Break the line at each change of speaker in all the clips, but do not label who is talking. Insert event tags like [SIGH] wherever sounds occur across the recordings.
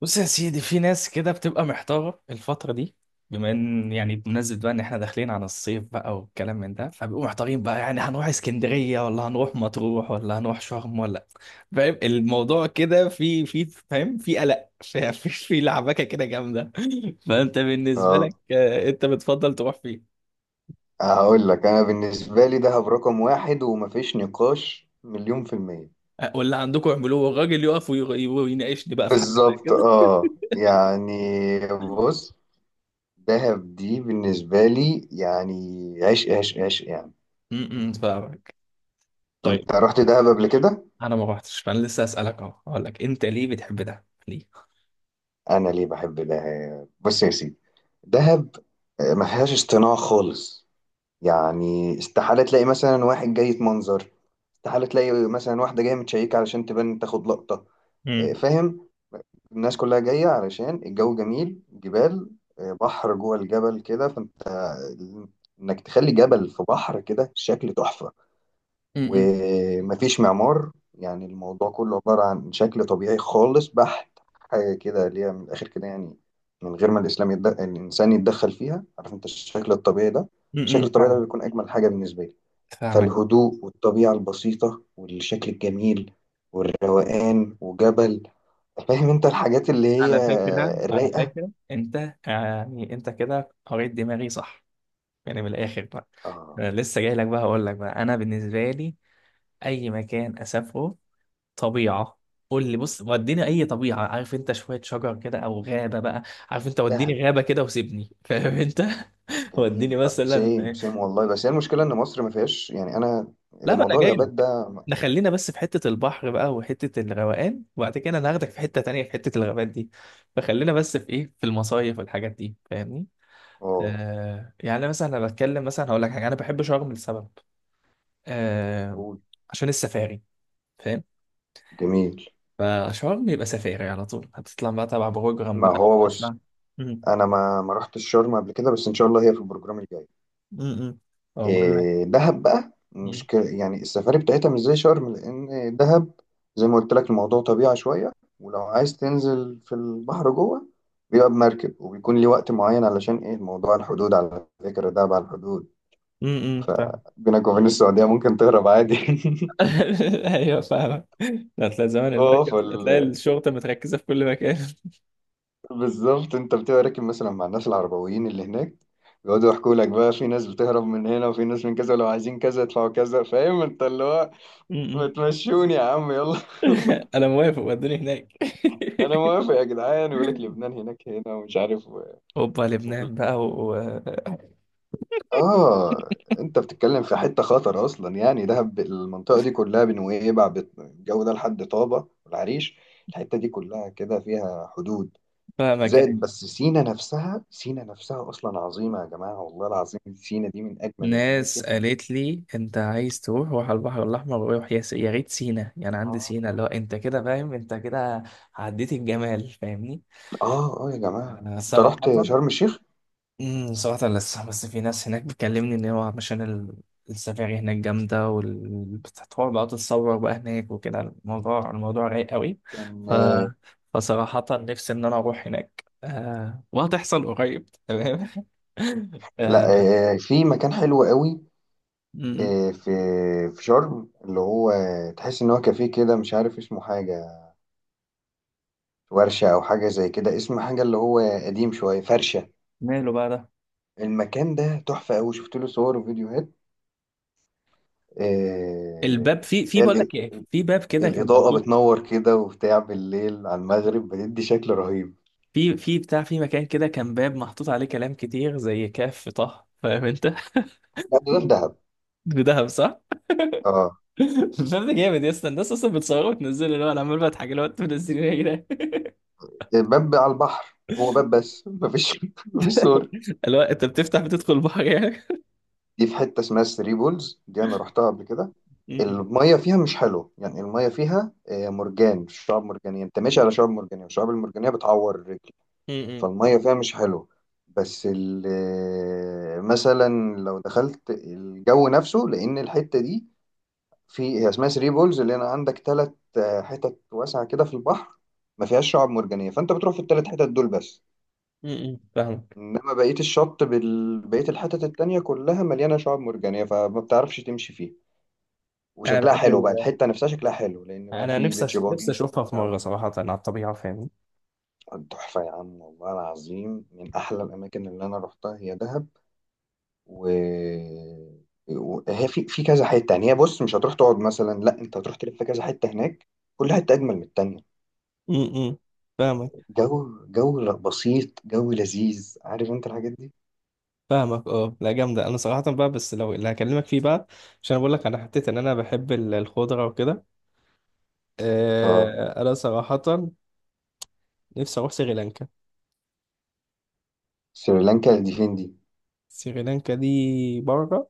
بص يا سيدي، في ناس كده بتبقى محتارة الفترة دي. بما ان يعني بمناسبة بقى ان احنا داخلين على الصيف بقى والكلام من ده، فبيبقوا محتارين بقى، يعني هنروح اسكندرية ولا هنروح مطروح ولا هنروح شرم ولا فاهم الموضوع كده. في فاهم، في قلق، في لعبكة كده جامدة. [LAUGHS] فانت بالنسبة
آه،
لك انت بتفضل تروح فين؟
هقول لك انا بالنسبه لي دهب رقم واحد ومفيش نقاش مليون في المية.
ولا عندكم اعملوه والراجل يقف ويناقشني بقى في حاجة زي
بالظبط،
كده.
يعني بص، دهب دي بالنسبه لي يعني عشق عشق عشق يعني.
[LAUGHS] م- م، فاهمك. طيب.
انت رحت دهب قبل كده؟
انا ما روحتش، فانا لسه اسالك اهو، اقول لك انت ليه بتحب ده؟
انا ليه بحب دهب؟ بص يا سيدي، دهب ما فيهاش اصطناع خالص. يعني استحاله تلاقي مثلا واحد جاي يتمنظر، استحاله تلاقي مثلا واحده جايه متشيكه علشان تبان تاخد لقطه.
ليه؟
فاهم؟ الناس كلها جاية علشان الجو جميل، جبال، بحر جوه الجبل كده، فانت ال- انك تخلي جبل في بحر كده شكل تحفة.
امم
ومفيش معمار، يعني الموضوع كله عبارة عن شكل طبيعي خالص بحت، حاجة كده اللي هي من الآخر كده يعني، من غير ما الإنسان يتدخل فيها. عارف انت الشكل
امم
الطبيعي ده
فاهمك.
بيكون أجمل حاجة بالنسبة لي.
فاهمك.
فالهدوء والطبيعة البسيطة والشكل الجميل والروقان وجبل، فاهم انت الحاجات اللي هي
على فكرة، على
الرايقه.
فكرة انت يعني انت كده قريت دماغي، صح؟ يعني من الاخر بقى،
اه،
انا لسه جاي لك بقى، هقول لك بقى، انا بالنسبة لي اي مكان اسافره طبيعة. قول لي بص، وديني اي طبيعة، عارف انت، شوية شجر كده او غابة بقى، عارف انت،
دهب
وديني غابة كده وسيبني، فاهم انت. [LAUGHS] وديني
جميل. آه، سيم
مثلا.
سيم والله. بس هي المشكله ان مصر ما فيهاش يعني، انا
لا بقى، انا
موضوع
جاي
الغابات
لك،
ده.
احنا خلينا بس في حته البحر بقى وحته الروقان، وبعد كده انا هاخدك في حته تانية، في حته الغابات دي، فخلينا بس في ايه، في المصايف والحاجات دي، فاهمني.
اه،
آه، يعني مثلا انا بتكلم، مثلا هقول لك حاجه، انا بحب شرم لسبب. آه،
قول.
عشان السفاري، فاهم.
جميل.
فشرم يبقى سفاري على طول، هتطلع بقى تبع بروجرام
ما
بقى
هو بص،
تطلع. امم
انا ما رحتش شرم قبل كده، بس ان شاء الله هي في البروجرام الجاي.
امم اقول لك.
إيه، دهب بقى مش ك... يعني السفاري بتاعتها مش زي شرم. لأن دهب، زي ما قلت لك، الموضوع طبيعة شوية. ولو عايز تنزل في البحر جوه بيبقى بمركب، وبيكون ليه وقت معين، علشان إيه؟ الموضوع الحدود. على فكرة دهب على الحدود،
امم، فاهم.
فبينك وبين السعودية ممكن تهرب عادي.
[LAUGHS]
[LAUGHS]
ايوه فاهم. هتلاقي زمان
اه
المركز، هتلاقي
فال...
الشرطه متركزه في كل مكان. [LAUGHS]
بالظبط. انت بتبقى راكب مثلا مع الناس العربويين اللي هناك، بيقعدوا يحكوا لك بقى في ناس بتهرب من هنا، وفي ناس من كذا، ولو عايزين كذا يدفعوا كذا، فاهم انت اللي هو ما
م-م.
تمشوني يا عم يلا.
[LAUGHS] انا موافق، ودوني هناك. [LAUGHS]
انا موافق يا جدعان، يقول لك لبنان هناك هنا، ومش عارف
اوبا،
وفي...
لبنان بقى و...
اه، انت بتتكلم في حته خطر اصلا. يعني دهب، المنطقه دي كلها، بنويبع، الجو ده لحد طابه والعريش، الحته دي كلها كده فيها حدود.
فاهمك
زائد،
يعني.
بس سينا نفسها اصلا عظيمه يا جماعه والله العظيم. سينا دي من اجمل الاماكن
ناس
و...
قالت لي: انت عايز تروح، روح على البحر الاحمر، وروح يا ريت سينا، يعني عندي
اه
سينا اللي هو انت كده، فاهم انت كده عديت الجمال، فاهمني.
يا جماعه،
أنا
انت
صراحة
رحت شرم الشيخ؟
امم، صراحة لسه، بس في ناس هناك بتكلمني إن هو علشان السفاري هناك جامدة، وال بتروح بقى تتصور بقى هناك وكده، الموضوع، الموضوع رايق قوي.
كان
ف
آه،
فصراحة نفسي إن أنا أروح هناك، وهتحصل قريب، تمام. [LAUGHS]
لا،
آه...
في مكان حلو قوي.
أمم.
إيه، في شرم، اللي هو تحس ان هو كافيه كده، مش عارف اسمه، حاجه ورشه او حاجه زي كده، اسم حاجه اللي هو قديم شويه، فرشه.
ماله بقى ده؟
المكان ده تحفه قوي، شفت له صور وفيديوهات.
الباب،
إيه،
في
هي
بقول
الإ-
لك إيه، في باب كده كان
الاضاءه
مكتوب،
بتنور كده وبتاع، بالليل على المغرب بتدي شكل رهيب.
في بتاع، في مكان كده كان باب محطوط عليه كلام كتير زي كاف طه، فاهم أنت؟ [LAUGHS]
لا، ده في دهب.
بدهب صح؟
اه،
الفيلم جامد يا اسطى، الناس اصلا بتصوره وتنزله، اللي هو انا عمال بضحك، اللي هو انتوا منزلينه ايه يا جدعان؟
الباب على البحر هو باب بس، مفيش [LAUGHS] مفيش صور.
[LAUGHS] اللي هو انت بتفتح بتدخل البحر يعني.
دي في حته اسمها ثري بولز، دي انا رحتها قبل كده.
م-
الميه فيها مش حلوه، يعني الميه فيها مرجان، شعاب مرجانيه، انت ماشي على شعاب مرجانيه، والشعاب المرجانيه بتعور الرجل،
م- م-
فالميه فيها مش حلوه. بس مثلا لو دخلت الجو نفسه، لان الحته دي، في هي اسمها ثري بولز، اللي انا عندك ثلاث حتت واسعه كده في البحر ما فيهاش شعاب مرجانيه، فانت بتروح في الثلاث حتت دول بس.
فاهمك.
انما بقيه الشط بقيه الحتت التانية كلها مليانه شعاب مرجانيه، فما بتعرفش تمشي فيها.
انا
وشكلها
بحب
حلو بقى،
ال...
الحتة نفسها شكلها حلو، لأن بقى
انا
في
نفسي
بيتش
أش... نفسي
باجي
اشوفها في
بتاع
مره،
وجد.
صراحه، على الطبيعه، فاهمني.
تحفة يا عم، والله العظيم من أحلى الأماكن اللي أنا روحتها هي دهب. و وهي في كذا حتة، يعني هي بص، مش هتروح تقعد مثلا، لا، أنت هتروح تلف كذا حتة هناك، كل حتة أجمل من التانية.
م- م. فاهمك.
جو، جو بسيط، جو لذيذ، عارف أنت الحاجات دي؟
فاهمك. اه، لا جامده. انا صراحه بقى، بس لو اللي هكلمك فيه بقى، عشان بقول لك انا حطيت ان انا بحب الخضره وكده.
اه.
آه، انا صراحه نفسي اروح سريلانكا.
سريلانكا دي فين دي؟
سريلانكا دي بره،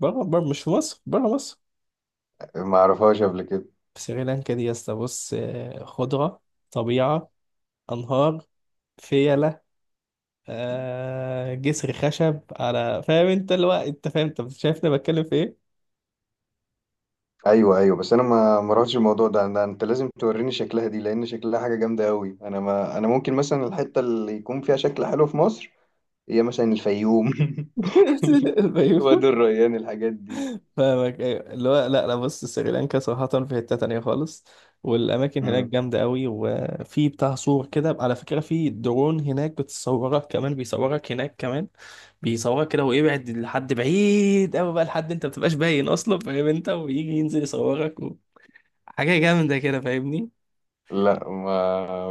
بره، مش في مصر، بره مصر.
ما أعرفهاش قبل كده.
في سريلانكا دي يا اسطى، بص آه، خضرة، طبيعة، أنهار، فيلة، آه، جسر خشب على، فاهم انت اللي هو، انت فاهم انت شايفني بتكلم في ايه؟
ايوه، ايوه، بس انا ما رحتش الموضوع ده. انت لازم توريني شكلها دي، لان شكلها حاجه جامده قوي. انا ما انا ممكن مثلا الحته اللي يكون فيها شكل حلو في مصر هي مثلا الفيوم، [LAUGHS]
[LAUGHS] الفيوم.
وادي الريان، الحاجات دي.
فاهمك ايوه، اللي هو لا لا، بص سريلانكا صراحة في حتة تانية خالص، والأماكن هناك
مم.
جامدة أوي، وفي بتاع صور كده، على فكرة في درون هناك بتصورك كمان، بيصورك هناك كمان، بيصورك كده ويبعد لحد بعيد أوي بقى، لحد أنت مبتبقاش باين أصلا، فاهم أنت؟ ويجي ينزل يصورك، حاجة جامدة كده، فاهمني.
لا، ما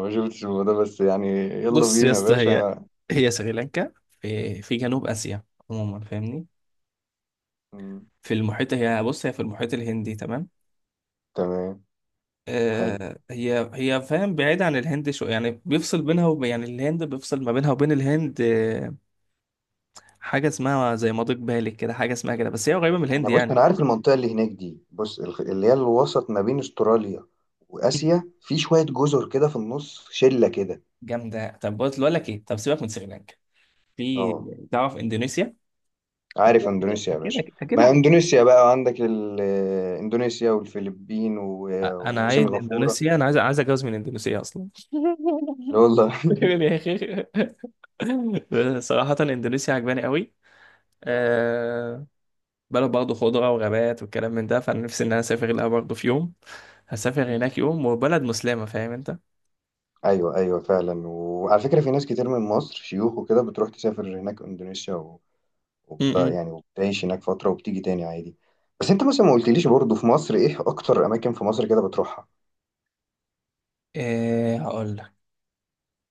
ما شفتش الموضوع ده، بس يعني يلا
بص يا
بينا يا
اسطى،
باشا.
هي
انا.
هي سريلانكا في جنوب آسيا عموما، فاهمني.
مم.
في المحيط، هي بص، هي في المحيط الهندي، تمام.
تمام. حلو.
آه هي هي فاهم، بعيدة عن الهند، شو يعني، بيفصل بينها يعني الهند بيفصل ما بينها وبين الهند. آه، حاجة اسمها زي مضيق، بالك كده، حاجة اسمها كده، بس هي قريبة من الهند
انا بص،
يعني.
عارف المنطقه اللي هناك دي. بص، اللي هي الوسط ما بين استراليا
[LAUGHS] مم.
واسيا، في شويه جزر كده في النص، شله كده.
جامدة. طب بص، بقول لك ايه، طب سيبك من سريلانكا. في،
اه،
تعرف اندونيسيا؟
عارف
اكيد
اندونيسيا يا
اكيد
باشا؟
اكيد أكيد
ما
عارف.
اندونيسيا بقى عندك اندونيسيا والفلبين
انا عايز
وسنغافورة.
اندونيسيا، انا عايز اتجوز من اندونيسيا اصلا. [LAUGHS]
لا والله. [LAUGHS]
يقول يا اخي، صراحة اندونيسيا عجباني قوي.
آه.
أه، بلد برضه خضرة وغابات والكلام من ده، فانا نفسي ان انا اسافر لها برضه في يوم، هسافر هناك يوم، وبلد مسلمة، فاهم انت.
ايوه، ايوه، فعلا. وعلى فكرة في ناس كتير من مصر شيوخ وكده بتروح تسافر هناك اندونيسيا
م-م.
يعني وبتعيش هناك فترة وبتيجي تاني عادي. بس انت مثلا ما قلتليش برضه، في مصر ايه اكتر اماكن في مصر كده بتروحها؟
أه، هقول لك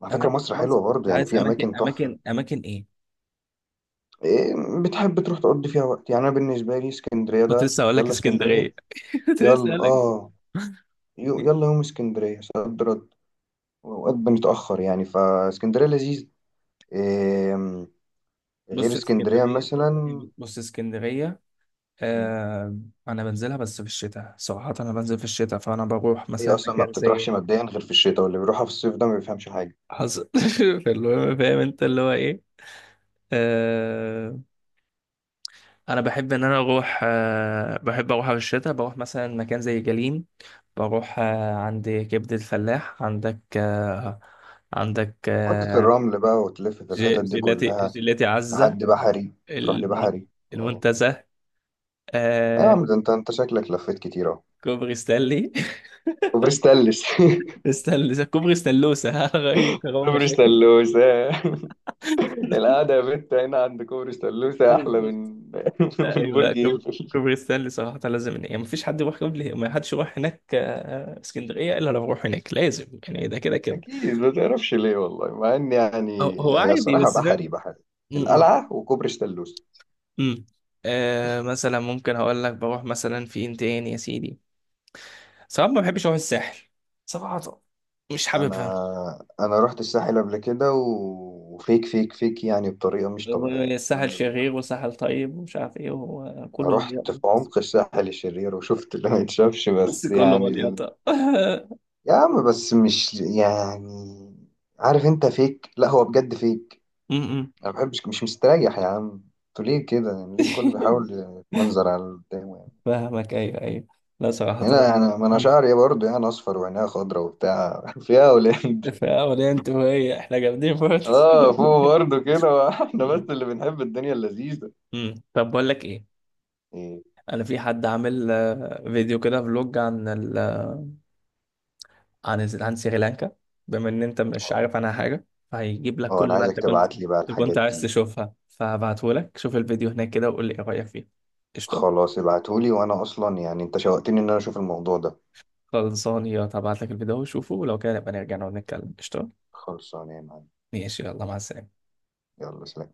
على فكرة
اماكن في
مصر
مصر.
حلوة
انت
برضه، يعني
عايز
في
اماكن،
اماكن تحفة.
اماكن ايه؟
إيه بتحب تروح تقضي فيها وقت؟ يعني انا بالنسبة لي اسكندرية
كنت
ده
لسه هقول لك
يلا، اسكندرية
اسكندرية. [LAUGHS] كنت لسه
يلا.
هقول لك
اه، يلا يوم اسكندرية صد رد، وأوقات بنتأخر يعني، فاسكندرية لذيذ. إيه غير
بص
اسكندرية
اسكندرية،
مثلا؟
بص اسكندرية،
م،
آه. انا بنزلها بس في الشتاء، صراحة انا بنزل في الشتاء، فانا بروح
هي
مثلا
أصلا ما
مكان
بتطرحش
زي...
مبدئيا غير في الشتاء، واللي بيروحها في الصيف ده ما بيفهمش حاجة.
حصل. [LAUGHS] فالمهم فاهم انت اللي هو ايه، آه، انا بحب ان انا اروح، آه بحب اروح في الشتاء، بروح مثلا مكان زي جليم، بروح آه عند كبد الفلاح، عندك آه، عندك
محطة
آه،
الرمل بقى، وتلف في الحتت دي
جيلاتي،
كلها
جيلاتي عزة،
لحد بحري. تروح
المن-
لبحري، اه.
المنتزه،
يا
آه،
عم ده انت شكلك لفيت كتير اهو.
كوبري ستانلي. [LAUGHS]
كوبري ستانلس.
استنى، كوبري ستانلوسة. [LAUGHS] غير،
[LAUGHS]
كرام،
كوبري
مشاكل.
ستانلوسة.
[LAUGHS]
القعدة يا بت هنا عند كوبري ستانلوسة أحلى من
بالظبط.
[LAUGHS] من
ايوه،
برج إيفل.
كوبري ستانلي صراحه لازم، يعني مفيش حد يروح قبل ما، حدش يروح هناك، آه، اسكندريه الا لو يروح هناك لازم يعني، ده كده كده.
اكيد، ما تعرفش ليه والله، مع ان
هو
يعني
هو
هي
عادي
صراحه
بس
بحري،
فاهم.
بحري
م- م-
القلعه وكوبري ستانلوس.
م. آه مثلا ممكن هقول لك بروح مثلا فين تاني يا سيدي. صراحه ما بحبش اروح الساحل، صراحه، مش
انا،
حاببها.
رحت الساحل قبل كده، وفيك فيك فيك يعني، بطريقه مش طبيعيه
الساحل
كل
شرير
بيحر.
وساحل طيب ومش عارف ايه وكله
رحت في
مليان، بس.
عمق الساحل الشرير وشفت اللي ما يتشافش،
بس
بس
كله
يعني
مليان. [LAUGHS]
يا عم بس مش يعني، عارف انت فيك، لا هو بجد فيك.
م- م.
انا ما بحبش، مش مستريح يا عم. انتوا ليه كده؟ يعني ليه الكل بيحاول
[LAUGHS]
يتمنظر على اللي قدامه؟
فاهمك ايوه ايوه. لا صراحة
هنا
لا.
يعني، ما انا
مم.
شعري برضه يعني اصفر وعينيها خضرا وبتاع [LAUGHS] فيها اولاد.
في، انت وهي احنا جامدين برضه.
اه فوق برضه كده، [LAUGHS]
[LAUGHS]
احنا بس
مم.
اللي بنحب الدنيا اللذيذه.
مم. طب بقول لك ايه،
ايه؟
انا في حد عامل آه، فيديو كده فلوج عن ال... عن سريلانكا، بما ان انت مش
اه،
عارف عنها حاجة، فهيجيب لك
اه، انا
كل ما
عايزك
انت كنت،
تبعت لي بقى
انت كنت
الحاجات
عايز
دي.
تشوفها، فهبعته لك، شوف الفيديو هناك كده وقول لي ايه رأيك فيه. قشطة.
خلاص، ابعتولي، وانا اصلا يعني انت شوقتني ان انا اشوف الموضوع ده.
خلصان، يا هبعت لك الفيديو وشوفه، ولو كان نبقى نرجع نقعد نتكلم. قشطة.
خلصانه يا معلم.
ماشي يلا، مع السلامة.
يلا سلام.